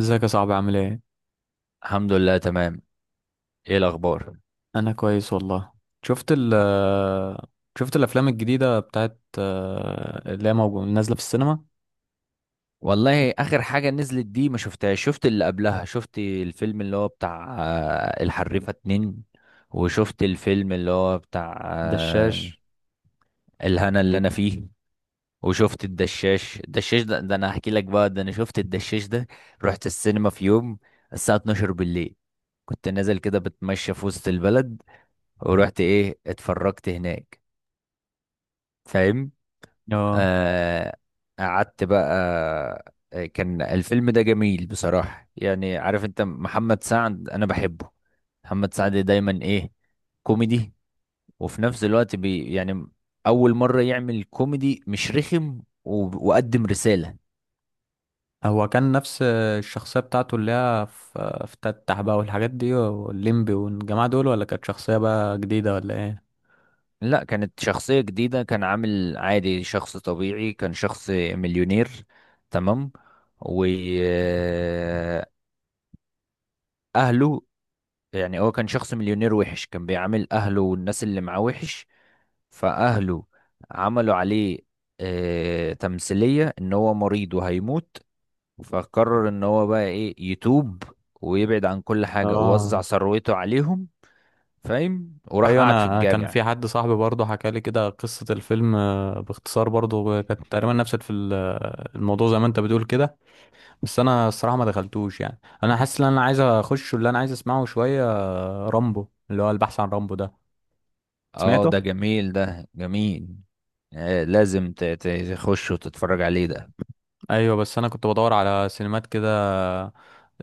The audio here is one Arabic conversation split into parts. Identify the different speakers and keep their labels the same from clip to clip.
Speaker 1: ازيك يا صاحبي؟ عامل ايه؟
Speaker 2: الحمد لله تمام. ايه الاخبار؟
Speaker 1: انا كويس والله. شفت ال شفت الافلام الجديده بتاعت نازله في السينما.
Speaker 2: والله اخر حاجه نزلت دي ما شفتهاش، شفت اللي قبلها، شفت الفيلم اللي هو بتاع الحريفه اتنين، وشفت الفيلم اللي هو بتاع
Speaker 1: دشاش.
Speaker 2: الهنا اللي انا فيه. وشفت الدشاش ده، انا هحكي لك بقى، ده انا شفت الدشاش ده. رحت السينما في يوم، الساعه 12 بالليل، كنت نازل كده بتمشى في وسط البلد، ورحت ايه، اتفرجت هناك، فاهم.
Speaker 1: اه،
Speaker 2: آه، قعدت بقى. كان الفيلم ده جميل بصراحة، يعني عارف انت، محمد سعد انا بحبه. محمد سعد دايما ايه؟ كوميدي. وفي نفس الوقت يعني اول مرة يعمل كوميدي مش رخم، وقدم رسالة.
Speaker 1: هو كان نفس الشخصيه بتاعته اللي هي في تتح بقى والحاجات دي والليمبي والجماعه دول، ولا كانت شخصيه بقى جديده ولا ايه؟
Speaker 2: لا كانت شخصية جديدة، كان عامل عادي، شخص طبيعي، كان شخص مليونير. تمام. وأهله، يعني هو كان شخص مليونير وحش، كان بيعامل أهله والناس اللي معاه وحش. فأهله عملوا عليه تمثيلية إن هو مريض وهيموت، فقرر إن هو بقى إيه، يتوب ويبعد عن كل حاجة، ووزع
Speaker 1: اه،
Speaker 2: ثروته عليهم، فاهم. وراح
Speaker 1: ايوه.
Speaker 2: قعد في
Speaker 1: انا كان يعني في
Speaker 2: الجامع.
Speaker 1: حد صاحبي برضه حكى لي كده قصه الفيلم باختصار، برضه كانت تقريبا نفس الموضوع زي ما انت بتقول كده. بس انا الصراحه ما دخلتوش، يعني انا حاسس ان انا عايز اخش. واللي انا عايز اسمعه شويه رامبو، اللي هو البحث عن رامبو ده.
Speaker 2: اه،
Speaker 1: سمعته.
Speaker 2: ده جميل، ده جميل. لازم تخش وتتفرج عليه ده.
Speaker 1: ايوه، بس انا كنت بدور على سينمات كده،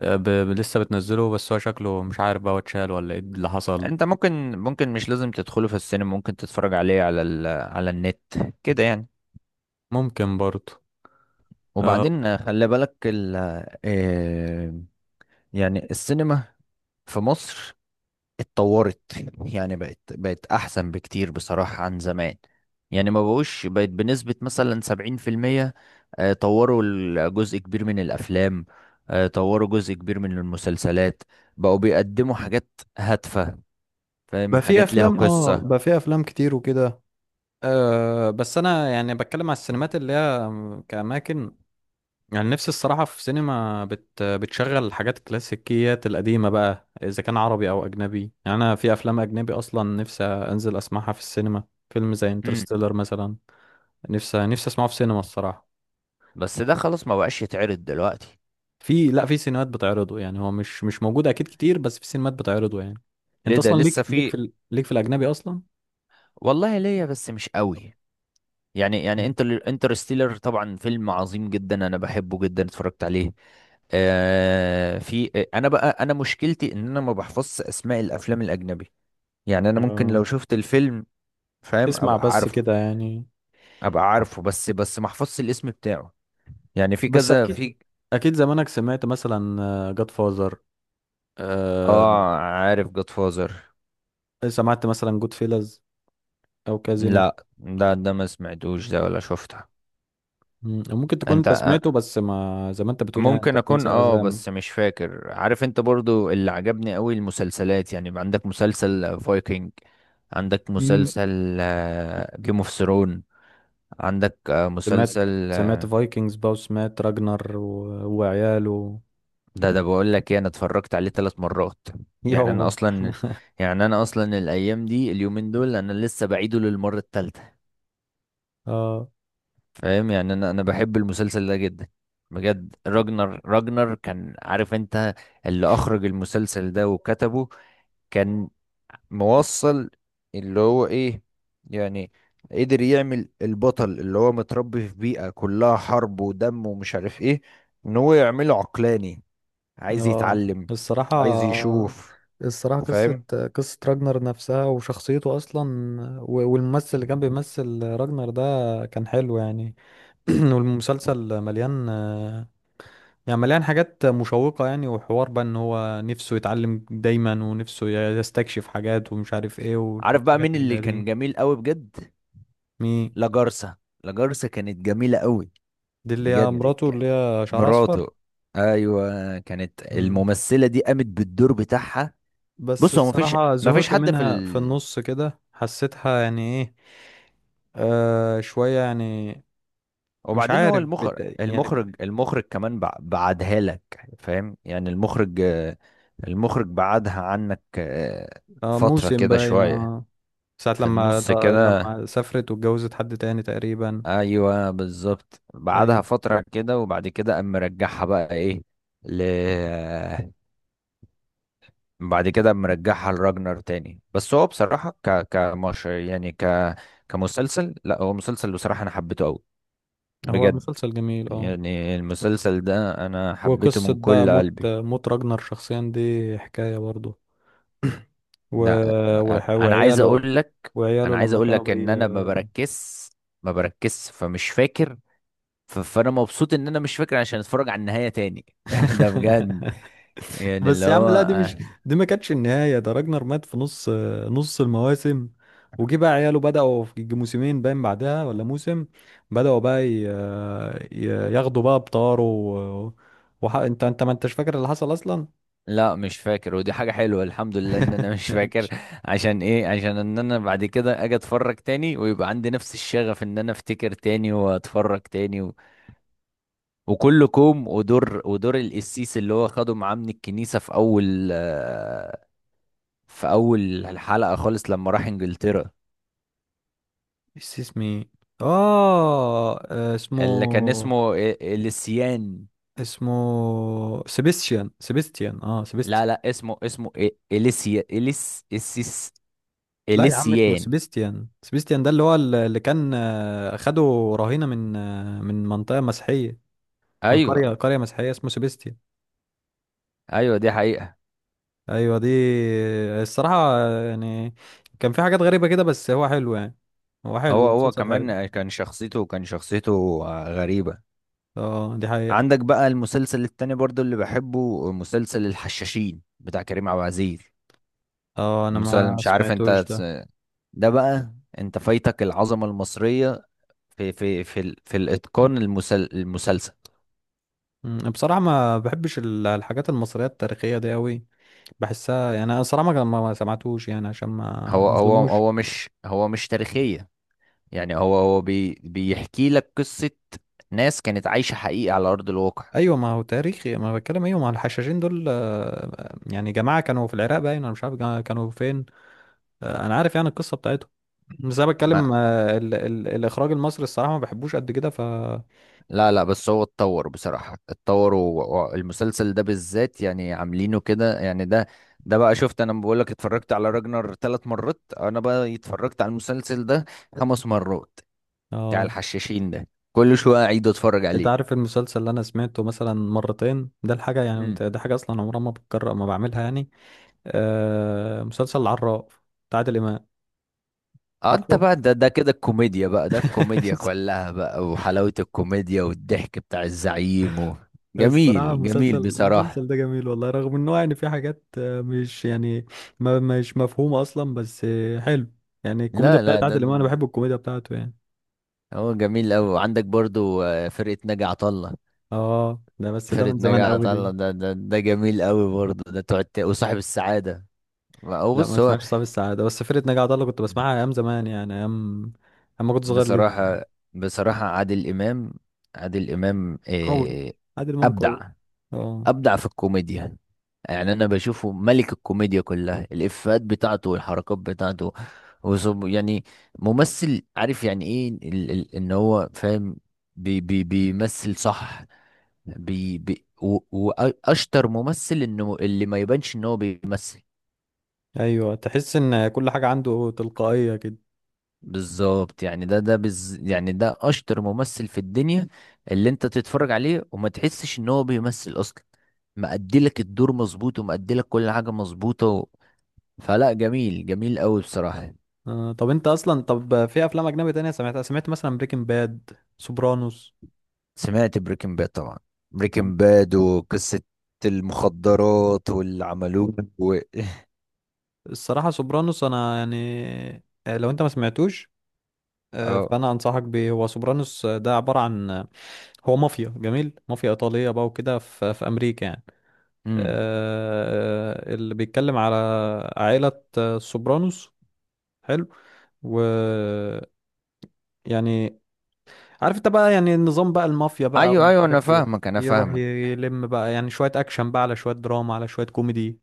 Speaker 1: آه، ب... ب- لسه بتنزله. بس هو شكله مش عارف بقى هو اتشال ولا ايه اللي حصل.
Speaker 2: انت ممكن مش لازم تدخله في السينما، ممكن تتفرج عليه على النت كده يعني.
Speaker 1: ممكن برضه. أه...
Speaker 2: وبعدين خلي بالك ال آه، يعني السينما في مصر اتطورت. يعني بقت احسن بكتير بصراحة عن زمان. يعني ما بقوش، بقت بنسبة مثلا 70%. طوروا جزء كبير من الافلام. طوروا جزء كبير من المسلسلات، بقوا بيقدموا حاجات هادفة، فاهم،
Speaker 1: بقى في
Speaker 2: حاجات ليها
Speaker 1: افلام، اه،
Speaker 2: قصة.
Speaker 1: بقى في افلام كتير وكده. أه بس انا يعني بتكلم على السينمات اللي هي كأماكن. يعني نفسي الصراحة في بتشغل الحاجات الكلاسيكيات القديمة بقى، إذا كان عربي أو أجنبي. يعني أنا في أفلام أجنبي أصلا نفسي أنزل أسمعها في السينما. فيلم زي
Speaker 2: مم.
Speaker 1: انترستيلر مثلا، نفسي أسمعه في سينما الصراحة.
Speaker 2: بس ده خلاص ما بقاش يتعرض دلوقتي.
Speaker 1: في، لا، في سينمات بتعرضه. يعني هو مش موجود أكيد كتير، بس في سينمات بتعرضه يعني. أنت
Speaker 2: ليه؟ ده
Speaker 1: أصلا
Speaker 2: لسه في.
Speaker 1: ليك في الأجنبي أصلا.
Speaker 2: والله ليا، بس مش قوي، يعني
Speaker 1: مم.
Speaker 2: انترستيلر طبعا فيلم عظيم جدا انا بحبه جدا، اتفرجت عليه. آه في انا بقى، انا مشكلتي ان انا ما بحفظش اسماء الافلام الاجنبي. يعني انا ممكن لو
Speaker 1: آه.
Speaker 2: شفت الفيلم، فاهم،
Speaker 1: تسمع
Speaker 2: ابقى
Speaker 1: بس
Speaker 2: عارفه.
Speaker 1: كده يعني.
Speaker 2: بس ما احفظش الاسم بتاعه. يعني في
Speaker 1: بس
Speaker 2: كذا
Speaker 1: أكيد،
Speaker 2: في.
Speaker 1: أكيد زمانك سمعت مثلا جاد فازر.
Speaker 2: اه، عارف جود فازر.
Speaker 1: سمعت مثلا جود فيلز، او كازينو.
Speaker 2: لا، ده ما سمعتوش، ده ولا شفتها.
Speaker 1: مم. ممكن تكون
Speaker 2: انت،
Speaker 1: انت سمعته بس ما، زي ما انت بتقول، يعني انت
Speaker 2: ممكن اكون،
Speaker 1: بتنسى
Speaker 2: اه،
Speaker 1: اسامي.
Speaker 2: بس مش فاكر. عارف انت، برضو اللي عجبني قوي المسلسلات، يعني يبقى عندك مسلسل فايكنج، عندك
Speaker 1: مم.
Speaker 2: مسلسل جيم اوف ثرون، عندك
Speaker 1: سمعت
Speaker 2: مسلسل
Speaker 1: سمعت فايكنجز بقى، وسمعت راجنر و... وعياله.
Speaker 2: ده بقول لك ايه، انا اتفرجت عليه 3 مرات. يعني انا
Speaker 1: يابا.
Speaker 2: اصلا يعني انا اصلا الايام دي، اليومين دول انا لسه بعيده للمره الثالثه،
Speaker 1: اه.
Speaker 2: فاهم. يعني انا بحب المسلسل ده جدا، بجد. راجنر كان، عارف انت، اللي اخرج المسلسل ده وكتبه كان موصل، اللي هو ايه يعني، قدر يعمل البطل اللي هو متربي في بيئة كلها حرب ودم ومش عارف ايه، ان هو يعمله عقلاني، عايز
Speaker 1: اه.
Speaker 2: يتعلم،
Speaker 1: الصراحة،
Speaker 2: عايز يشوف،
Speaker 1: الصراحة قصة
Speaker 2: فاهم.
Speaker 1: قصة راجنر نفسها وشخصيته أصلا، والممثل اللي كان بيمثل راجنر ده كان حلو يعني. والمسلسل مليان، يعني مليان حاجات مشوقة يعني، وحوار بقى ان هو نفسه يتعلم دايما ونفسه يستكشف حاجات، ومش عارف ايه
Speaker 2: عارف بقى
Speaker 1: والحاجات
Speaker 2: مين
Speaker 1: اللي
Speaker 2: اللي
Speaker 1: هي
Speaker 2: كان
Speaker 1: دي.
Speaker 2: جميل قوي بجد؟
Speaker 1: مي.
Speaker 2: لاجارسا. لاجارسا كانت جميلة قوي،
Speaker 1: دي اللي هي
Speaker 2: بجد
Speaker 1: مراته، اللي هي شعرها اصفر.
Speaker 2: مراته. ايوه كانت
Speaker 1: مم.
Speaker 2: الممثلة دي قامت بالدور بتاعها.
Speaker 1: بس
Speaker 2: بص، هو مفيش
Speaker 1: الصراحة
Speaker 2: مفيش
Speaker 1: زهقت
Speaker 2: حد في.
Speaker 1: منها في النص كده، حسيتها يعني ايه، آه، شوية يعني. مش
Speaker 2: وبعدين هو
Speaker 1: عارف
Speaker 2: المخرج
Speaker 1: بت... يعني ب...
Speaker 2: المخرج المخرج كمان بعدها لك، فاهم يعني، المخرج، المخرج بعدها عنك
Speaker 1: آه،
Speaker 2: فترة
Speaker 1: موسم
Speaker 2: كده
Speaker 1: باين،
Speaker 2: شوية،
Speaker 1: اه، ساعة
Speaker 2: في
Speaker 1: لما
Speaker 2: النص كده.
Speaker 1: لما سافرت واتجوزت حد تاني تقريبا.
Speaker 2: ايوه بالظبط، بعدها
Speaker 1: أيوة.
Speaker 2: فترة كده، وبعد كده قام مرجعها بقى ايه، ل بعد كده قام مرجعها لراجنر تاني. بس هو بصراحة كمش يعني، كمسلسل، لا هو مسلسل بصراحة انا حبيته قوي،
Speaker 1: هو
Speaker 2: بجد.
Speaker 1: مسلسل جميل، اه.
Speaker 2: يعني المسلسل ده انا حبيته
Speaker 1: وقصة
Speaker 2: من
Speaker 1: بقى
Speaker 2: كل
Speaker 1: موت
Speaker 2: قلبي.
Speaker 1: موت راجنر شخصيا دي حكاية برضه. و...
Speaker 2: لا، انا عايز
Speaker 1: وعياله،
Speaker 2: اقول لك
Speaker 1: وعياله
Speaker 2: انا عايز
Speaker 1: لما
Speaker 2: اقول
Speaker 1: كانوا
Speaker 2: لك
Speaker 1: بي.
Speaker 2: ان انا ما بركزش فمش فاكر. فانا مبسوط ان انا مش فاكر، عشان اتفرج على النهاية تاني. ده بجد. يعني اللي
Speaker 1: بس يا عم
Speaker 2: هو
Speaker 1: لا، دي مش دي ما كانتش النهاية. ده راجنر مات في نص المواسم، وجي بقى عياله بدأوا في موسمين باين بعدها ولا موسم. بدأوا بقى ي... ي- ياخدوا بقى بطاره انت، ما انتش فاكر اللي حصل اصلا.
Speaker 2: لا مش فاكر، ودي حاجة حلوة الحمد لله ان انا مش فاكر.
Speaker 1: ماشي.
Speaker 2: عشان ايه؟ عشان ان انا بعد كده اجي اتفرج تاني ويبقى عندي نفس الشغف ان انا افتكر تاني واتفرج تاني و... وكل كوم، ودور القسيس اللي هو خده معاه من الكنيسة في اول، الحلقة خالص لما راح انجلترا،
Speaker 1: نسي اسمي. اه، آه، اسمه،
Speaker 2: اللي كان اسمه اليسيان.
Speaker 1: اسمه سيبستيان، سيبستيان، اه،
Speaker 2: لا لا اسمه
Speaker 1: لا يا عم اسمه
Speaker 2: اليسيان.
Speaker 1: سيبستيان. سيبستيان ده اللي هو اللي كان خده رهينة من، من منطقة مسيحية، من
Speaker 2: ايوه،
Speaker 1: قرية مسيحية. اسمه سيبستيان.
Speaker 2: ايوه دي حقيقة.
Speaker 1: ايوه دي. الصراحة يعني كان في حاجات غريبة كده، بس هو حلو يعني. هو حلو،
Speaker 2: هو
Speaker 1: المسلسل حلو.
Speaker 2: كمان كان شخصيته غريبة.
Speaker 1: اه دي حقيقة.
Speaker 2: عندك بقى المسلسل التاني برضو اللي بحبه، مسلسل الحشاشين بتاع كريم عبد العزيز.
Speaker 1: اه، انا
Speaker 2: المسلسل،
Speaker 1: ما
Speaker 2: مش عارف
Speaker 1: سمعتوش
Speaker 2: انت
Speaker 1: ده.
Speaker 2: ده بقى، انت فايتك العظمة المصرية في الاتقان، المسلسل.
Speaker 1: بصراحة ما بحبش الحاجات المصرية التاريخية دي أوي. بحسها يعني، أنا صراحة ما سمعتوش يعني عشان ما
Speaker 2: هو هو
Speaker 1: مظلموش.
Speaker 2: هو مش هو مش تاريخية، يعني هو بيحكي لك قصة ناس كانت عايشة حقيقي على أرض الواقع.
Speaker 1: ايوه ما هو تاريخي، ما أنا بتكلم. ايوه ما الحشاشين دول يعني جماعه كانوا في العراق باين، انا مش عارف كانوا فين. انا عارف يعني القصه بتاعتهم. بس انا
Speaker 2: ما
Speaker 1: بتكلم آه، ال ال الاخراج المصري الصراحه ما بحبوش قد كده، ف
Speaker 2: لا لا، بس هو اتطور بصراحة، اتطور، والمسلسل ده بالذات يعني عاملينه كده، يعني ده بقى شفت، انا بقول لك اتفرجت على راجنر 3 مرات، انا بقى اتفرجت على المسلسل ده 5 مرات، بتاع
Speaker 1: اه.
Speaker 2: الحشاشين ده، كل شوية اعيد اتفرج
Speaker 1: انت
Speaker 2: عليه.
Speaker 1: عارف المسلسل اللي انا سمعته مثلا مرتين ده؟ الحاجه يعني انت ده حاجه اصلا عمرها ما بتكرر، ما بعملها يعني، مسلسل العراف بتاع عادل امام.
Speaker 2: اه، انت
Speaker 1: عارفه.
Speaker 2: بقى ده كده الكوميديا بقى، ده الكوميديا كلها بقى، وحلاوة الكوميديا والضحك بتاع الزعيم و...
Speaker 1: الصراحة
Speaker 2: جميل،
Speaker 1: المسلسل
Speaker 2: جميل بصراحة.
Speaker 1: المسلسل ده جميل والله، رغم انه يعني في حاجات مش يعني، ما مش مفهومة اصلا، بس حلو يعني. الكوميديا
Speaker 2: لا لا،
Speaker 1: بتاعت
Speaker 2: ده
Speaker 1: عادل امام، انا بحب الكوميديا بتاعته يعني.
Speaker 2: هو جميل أوي، وعندك برضو فرقة ناجي عطا الله.
Speaker 1: اه ده، بس ده
Speaker 2: فرقة
Speaker 1: من
Speaker 2: ناجي
Speaker 1: زمان قوي
Speaker 2: عطا
Speaker 1: دي.
Speaker 2: الله ده جميل أوي برضو. ده تقعد وصاحب السعادة. هو
Speaker 1: لا،
Speaker 2: بص،
Speaker 1: ما
Speaker 2: هو
Speaker 1: سمعتش صاحب السعادة، بس فرقة ناجي عطا الله كنت بسمعها ايام زمان، يعني ايام اما كنت صغير لسه
Speaker 2: بصراحة
Speaker 1: يعني.
Speaker 2: بصراحة عادل إمام
Speaker 1: قوي.
Speaker 2: إيه؟
Speaker 1: عادل امام
Speaker 2: أبدع،
Speaker 1: قوي. اه.
Speaker 2: ابدع في الكوميديا. يعني انا بشوفه ملك الكوميديا كلها، الافيهات بتاعته والحركات بتاعته، وصب يعني ممثل عارف يعني ايه ال ال ان هو فاهم، بي بي بيمثل صح، واشطر ممثل انه اللي ما يبانش ان هو بيمثل.
Speaker 1: ايوه، تحس ان كل حاجة عنده تلقائية كده.
Speaker 2: بالظبط، يعني ده بز يعني، ده اشطر ممثل في الدنيا، اللي انت تتفرج عليه وما تحسش ان هو بيمثل اصلا، مأدي لك الدور مظبوط ومأدي لك كل حاجة مظبوطة. فلا، جميل، جميل قوي بصراحة.
Speaker 1: آه. طب انت اصلا، طب في افلام اجنبي تانية سمعتها؟ سمعت مثلا بريكنج باد، سوبرانوس.
Speaker 2: سمعت بريكنج باد طبعا، بريكنج باد وقصة المخدرات واللي عملوه و...
Speaker 1: الصراحة سوبرانوس أنا يعني، لو أنت ما سمعتوش،
Speaker 2: اه.
Speaker 1: فأنا أنصحك بيه. هو سوبرانوس ده عبارة عن، هو مافيا جميل، مافيا إيطالية بقى وكده في في أمريكا يعني،
Speaker 2: امم.
Speaker 1: اللي بيتكلم على عائلة سوبرانوس. حلو. و يعني عارف أنت بقى، يعني النظام بقى، المافيا بقى،
Speaker 2: ايوه
Speaker 1: ومش
Speaker 2: ايوه، انا
Speaker 1: عارف إيه.
Speaker 2: فاهمك، انا
Speaker 1: يروح
Speaker 2: فاهمك.
Speaker 1: يلم بقى يعني شوية أكشن بقى على شوية دراما على شوية كوميدي،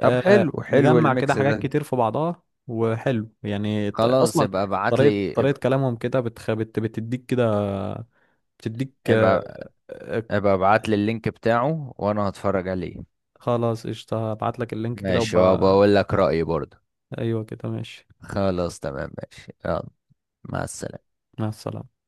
Speaker 2: طب حلو، حلو
Speaker 1: مجمع كده
Speaker 2: الميكس
Speaker 1: حاجات
Speaker 2: ده،
Speaker 1: كتير في بعضها، وحلو يعني
Speaker 2: خلاص
Speaker 1: اصلا
Speaker 2: يبقى ابعت
Speaker 1: طريقة
Speaker 2: لي،
Speaker 1: طريقة
Speaker 2: يبقى
Speaker 1: كلامهم كده بتديك كده، بتديك
Speaker 2: يبقى
Speaker 1: آه،
Speaker 2: يبقى ابعت لي اللينك بتاعه وانا هتفرج عليه.
Speaker 1: خلاص قشطة. هبعت لك اللينك كده
Speaker 2: ماشي، وبقول لك رأيي برضه.
Speaker 1: ايوه كده ماشي.
Speaker 2: خلاص تمام، ماشي، يلا، مع السلامة.
Speaker 1: مع السلامة.